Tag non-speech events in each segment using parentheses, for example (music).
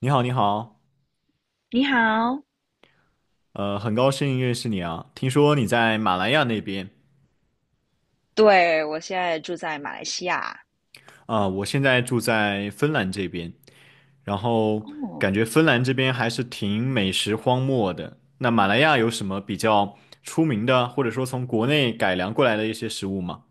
你好，你好，你好，很高兴认识你啊。听说你在马来亚那边。对，我现在住在马来西亚。啊，我现在住在芬兰这边，然后哦，感觉芬兰这边还是挺美食荒漠的。那马来亚有什么比较出名的，或者说从国内改良过来的一些食物吗？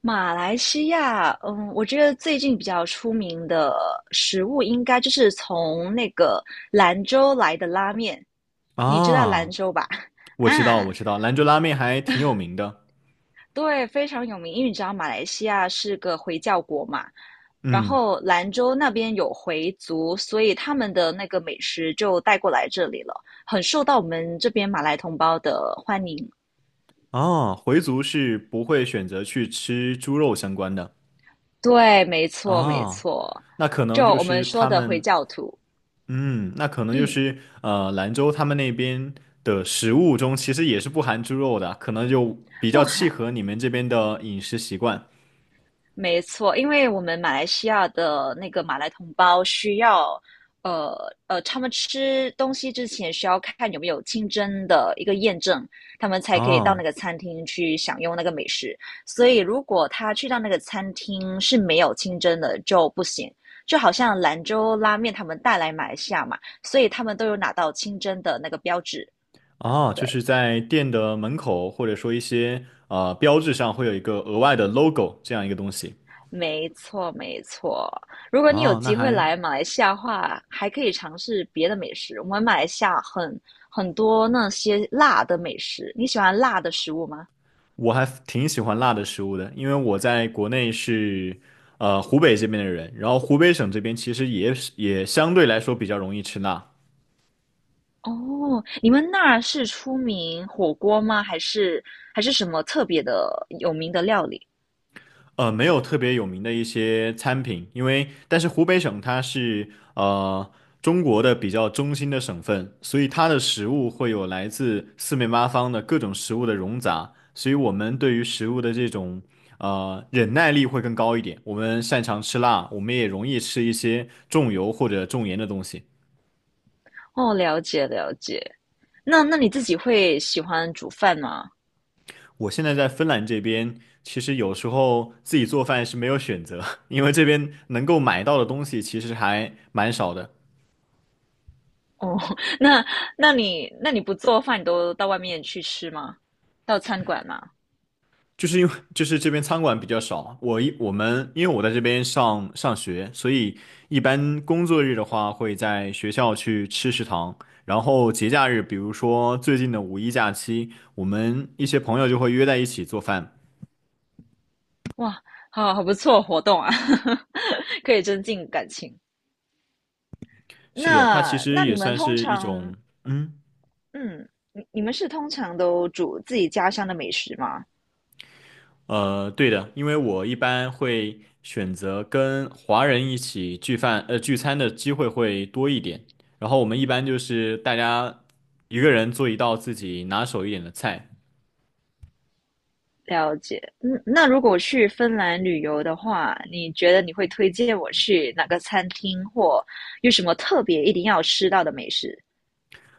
马来西亚，嗯，我觉得最近比较出名的食物应该就是从那个兰州来的拉面，你知道兰啊，州吧？(laughs) 我知道，啊，我知道，兰州拉面还挺有名的。对，非常有名，因为你知道马来西亚是个回教国嘛，然嗯。后兰州那边有回族，所以他们的那个美食就带过来这里了，很受到我们这边马来同胞的欢迎。啊，回族是不会选择去吃猪肉相关的。对，没错，没啊，错，那可能就就我们是说他的回们。教徒，嗯，那可能就嗯，是兰州他们那边的食物中其实也是不含猪肉的，可能就比较不契喊，合你们这边的饮食习惯。没错，因为我们马来西亚的那个马来同胞需要，呃他们吃东西之前需要看有没有清真的一个验证，他们才可以到那哦个餐厅去享用那个美食。所以如果他去到那个餐厅是没有清真的就不行。就好像兰州拉面他们带来马来西亚嘛，所以他们都有拿到清真的那个标志。哦，就是对，在店的门口或者说一些标志上会有一个额外的 logo 这样一个东西。没错，没错。如果你有哦，那机会还来马来西亚的话，还可以尝试别的美食。我们马来西亚很多那些辣的美食，你喜欢辣的食物吗？我还挺喜欢辣的食物的，因为我在国内是湖北这边的人，然后湖北省这边其实也是也相对来说比较容易吃辣。哦，你们那儿是出名火锅吗？还是什么特别的有名的料理？呃，没有特别有名的一些餐品，因为但是湖北省它是中国的比较中心的省份，所以它的食物会有来自四面八方的各种食物的融杂，所以我们对于食物的这种忍耐力会更高一点。我们擅长吃辣，我们也容易吃一些重油或者重盐的东西。哦，了解了解。那你自己会喜欢煮饭吗？我现在在芬兰这边，其实有时候自己做饭是没有选择，(laughs) 因为这边能够买到的东西其实还蛮少的。哦，(laughs) 那你不做饭，你都到外面去吃吗？到餐馆吗？就是因为就是这边餐馆比较少，我们因为我在这边上学，所以一般工作日的话会在学校去吃食堂，然后节假日，比如说最近的五一假期，我们一些朋友就会约在一起做饭。哇，好好不错活动啊，(laughs) 可以增进感情。是的，它其那实那也你们算通是一种。常，嗯。嗯，你们是通常都煮自己家乡的美食吗？呃，对的，因为我一般会选择跟华人一起聚饭，呃，聚餐的机会会多一点。然后我们一般就是大家一个人做一道自己拿手一点的菜。了解。嗯，那如果去芬兰旅游的话，你觉得你会推荐我去哪个餐厅，或有什么特别一定要吃到的美食？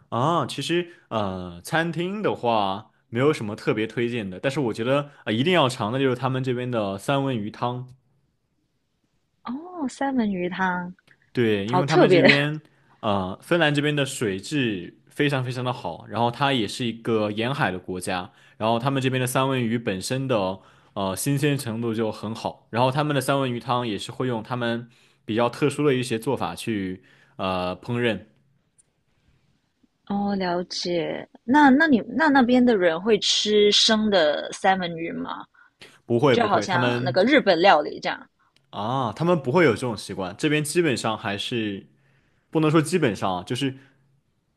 啊。其实，呃，餐厅的话没有什么特别推荐的，但是我觉得，呃，一定要尝的就是他们这边的三文鱼汤。哦，三文鱼汤，对，因好为他特们这别。(laughs) 边，呃，芬兰这边的水质非常非常的好，然后它也是一个沿海的国家，然后他们这边的三文鱼本身的新鲜程度就很好，然后他们的三文鱼汤也是会用他们比较特殊的一些做法去烹饪。哦，了解。那那边的人会吃生的三文鱼吗？不会就不好会，他像那们个日本料理这样。啊，他们不会有这种习惯，这边基本上还是不能说基本上啊，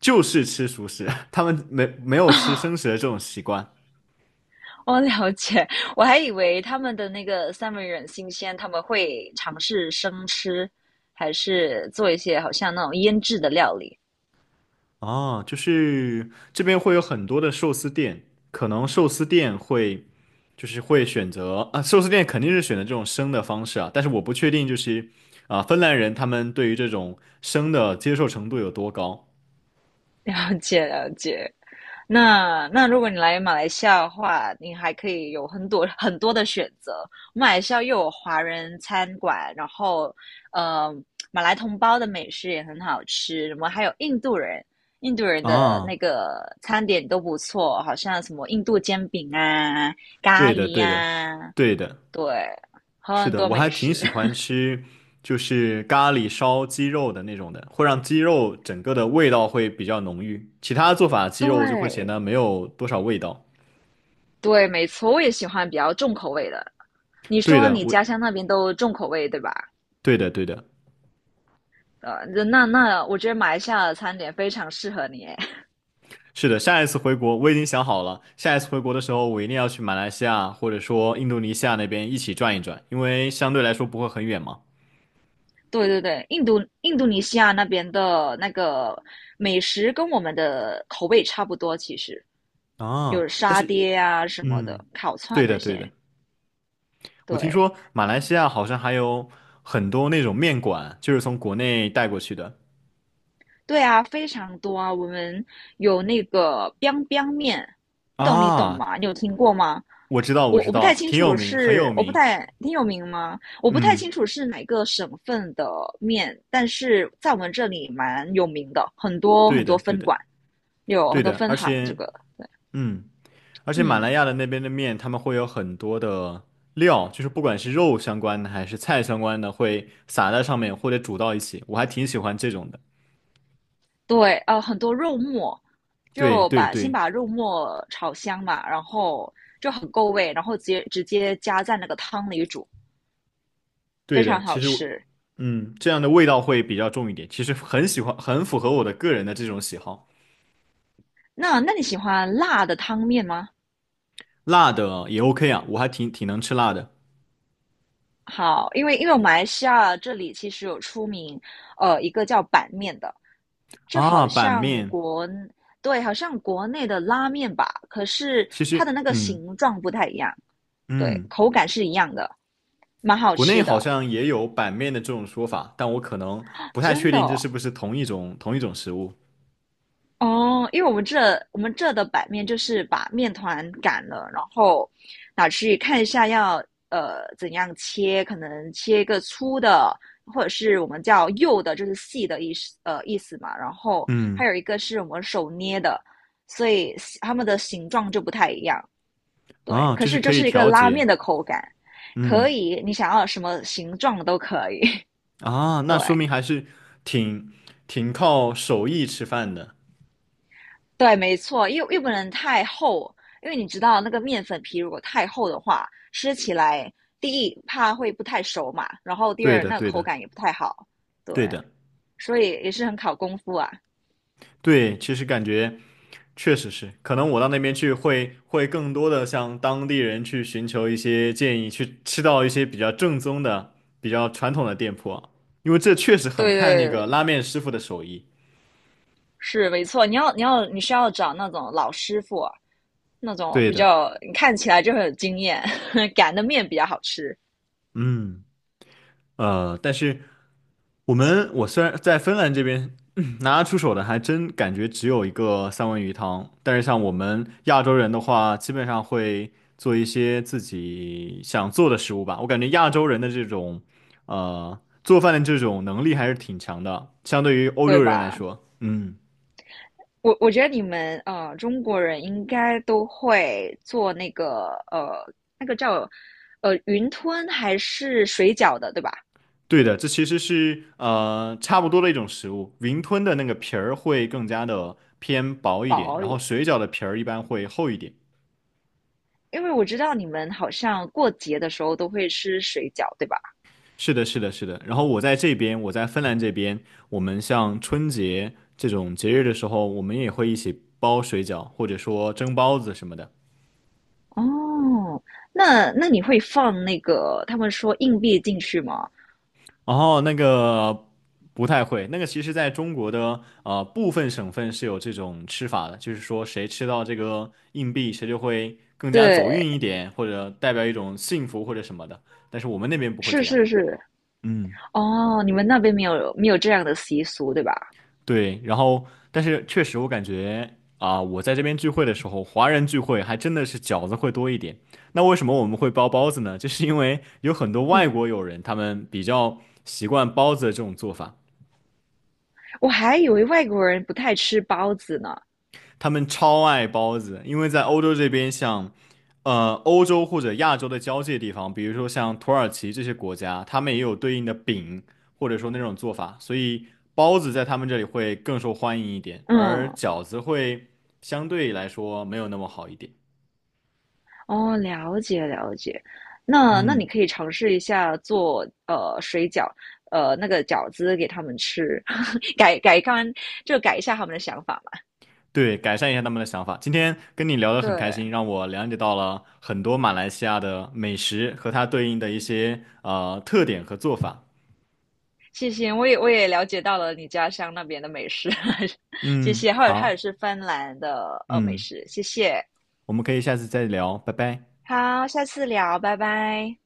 就是吃熟食，(laughs) 他们没有吃生食的这种习惯。哦，了解。我还以为他们的那个三文鱼很新鲜，他们会尝试生吃，还是做一些好像那种腌制的料理。啊，就是这边会有很多的寿司店，可能寿司店会就是会选择啊，寿司店肯定是选择这种生的方式啊，但是我不确定就是啊，芬兰人他们对于这种生的接受程度有多高。了解，了解。那那如果你来马来西亚的话，你还可以有很多很多的选择。马来西亚又有华人餐馆，然后呃，马来同胞的美食也很好吃，什么还有印度人，印度人的啊？那个餐点都不错，好像什么印度煎饼啊、咖对的，喱对的，呀，对的。对，是很的，多我还美挺食。喜欢 (laughs) 吃就是咖喱烧鸡肉的那种的，会让鸡肉整个的味道会比较浓郁，其他做法鸡肉就会显对得没有多少味道。对，没错，我也喜欢比较重口味的。你对说的，你我家乡那边都重口味，对吧？对的，对的。那那我觉得马来西亚的餐点非常适合你诶。(laughs) 是的，下一次回国我已经想好了，下一次回国的时候我一定要去马来西亚或者说印度尼西亚那边一起转一转，因为相对来说不会很远嘛。对对对，印度尼西亚那边的那个美食跟我们的口味差不多，其实啊，有但沙是。爹啊什么的，嗯，烤串对那的对些。的。我听对，说马来西亚好像还有很多那种面馆，就是从国内带过去的。对啊，非常多啊。我们有那个 biang biang 面，不懂你懂啊，吗？你有听过吗？我知道我我知我不太道，清挺有楚名，很有是，我不名。太挺有名吗？我不太嗯，清楚是哪个省份的面，但是在我们这里蛮有名的，很多很对的多对分的馆，有对很多的。分而行。这且，个，嗯。而且马来嗯，亚的那边的面，他们会有很多的料，就是不管是肉相关的还是菜相关的，会撒在上面或者煮到一起，我还挺喜欢这种的。对，很多肉末，对对先对，把肉末炒香嘛，然后就很够味，然后直接加在那个汤里煮，非对常的，其好实我吃。嗯，这样的味道会比较重一点，其实很喜欢，很符合我的个人的这种喜好。那那你喜欢辣的汤面吗？辣的也 OK 啊，我还挺能吃辣的。好，因为马来西亚这里其实有出名，一个叫板面的，就啊。好板像面，国，对，好像国内的拉面吧，可是其实它的那个嗯形状不太一样，对，嗯，口感是一样的，蛮好国内吃好的，像也有板面的这种说法，但我可能不太确真的定这是哦。不是同一种食物。哦，因为我们这的版面就是把面团擀了，然后拿去看一下要怎样切，可能切一个粗的，或者是我们叫幼的，就是细的意思意思嘛。然后嗯。还有一个是我们手捏的，所以它们的形状就不太一样。对，啊，可就是是可这以是一个调拉节。面的口感，可嗯。以你想要什么形状都可以。啊，(laughs) 对，那说明还是挺挺靠手艺吃饭的。对，没错，又不能太厚，因为你知道那个面粉皮如果太厚的话，吃起来第一怕会不太熟嘛，然后第对二的，那个对口的，感也不太好，对，对的，所以也是很考功夫啊。对，其实感觉确实是，可能我到那边去会更多的向当地人去寻求一些建议，去吃到一些比较正宗的、比较传统的店铺啊，因为这确实很对看那对个对，拉面师傅的手艺。是没错，你需要找那种老师傅，那种对比的。较你看起来就很有经验，(laughs) 擀的面比较好吃，嗯。呃，但是。我们我虽然在芬兰这边嗯 (clears throat) 拿得出手的，还真感觉只有一个三文鱼汤。但是像我们亚洲人的话，基本上会做一些自己想做的食物吧。我感觉亚洲人的这种做饭的这种能力还是挺强的，相对于欧对洲人来吧？说。嗯，我觉得你们中国人应该都会做那个那个叫云吞还是水饺的，对吧？对的，这其实是差不多的一种食物。云吞的那个皮儿会更加的偏薄一点，薄然后也，水饺的皮儿一般会厚一点。因为我知道你们好像过节的时候都会吃水饺，对吧？是的，是的，是的。然后我在芬兰这边，我们像春节这种节日的时候，我们也会一起包水饺，或者说蒸包子什么的。哦，那那你会放那个他们说硬币进去吗？然后那个不太会，那个其实在中国的部分省份是有这种吃法的，就是说谁吃到这个硬币，谁就会更加走对，运一点，或者代表一种幸福或者什么的。但是我们那边不会是这样。是是，嗯。哦，你们那边没有这样的习俗，对吧？对，然后但是确实我感觉啊、我在这边聚会的时候，华人聚会还真的是饺子会多一点。那为什么我们会包包子呢？就是因为有很多外嗯，国友人，他们比较习惯包子的这种做法。我还以为外国人不太吃包子呢。他们超爱包子，因为在欧洲这边像，呃，欧洲或者亚洲的交界地方，比如说像土耳其这些国家，他们也有对应的饼，或者说那种做法，所以包子在他们这里会更受欢迎一点，而嗯，饺子会相对来说没有那么好一点。哦，了解了解。那那你嗯，可以尝试一下做水饺，那个饺子给他们吃，(laughs) 改改看就改一下他们的想法嘛。对，改善一下他们的想法。今天跟你聊得很开对，心，让我了解到了很多马来西亚的美食和它对应的一些特点和做法。(laughs) 谢谢，我也了解到了你家乡那边的美食，(laughs) 谢嗯，谢，还有好，是芬兰的美嗯。食，谢谢。我们可以下次再聊，拜拜。好，下次聊，拜拜。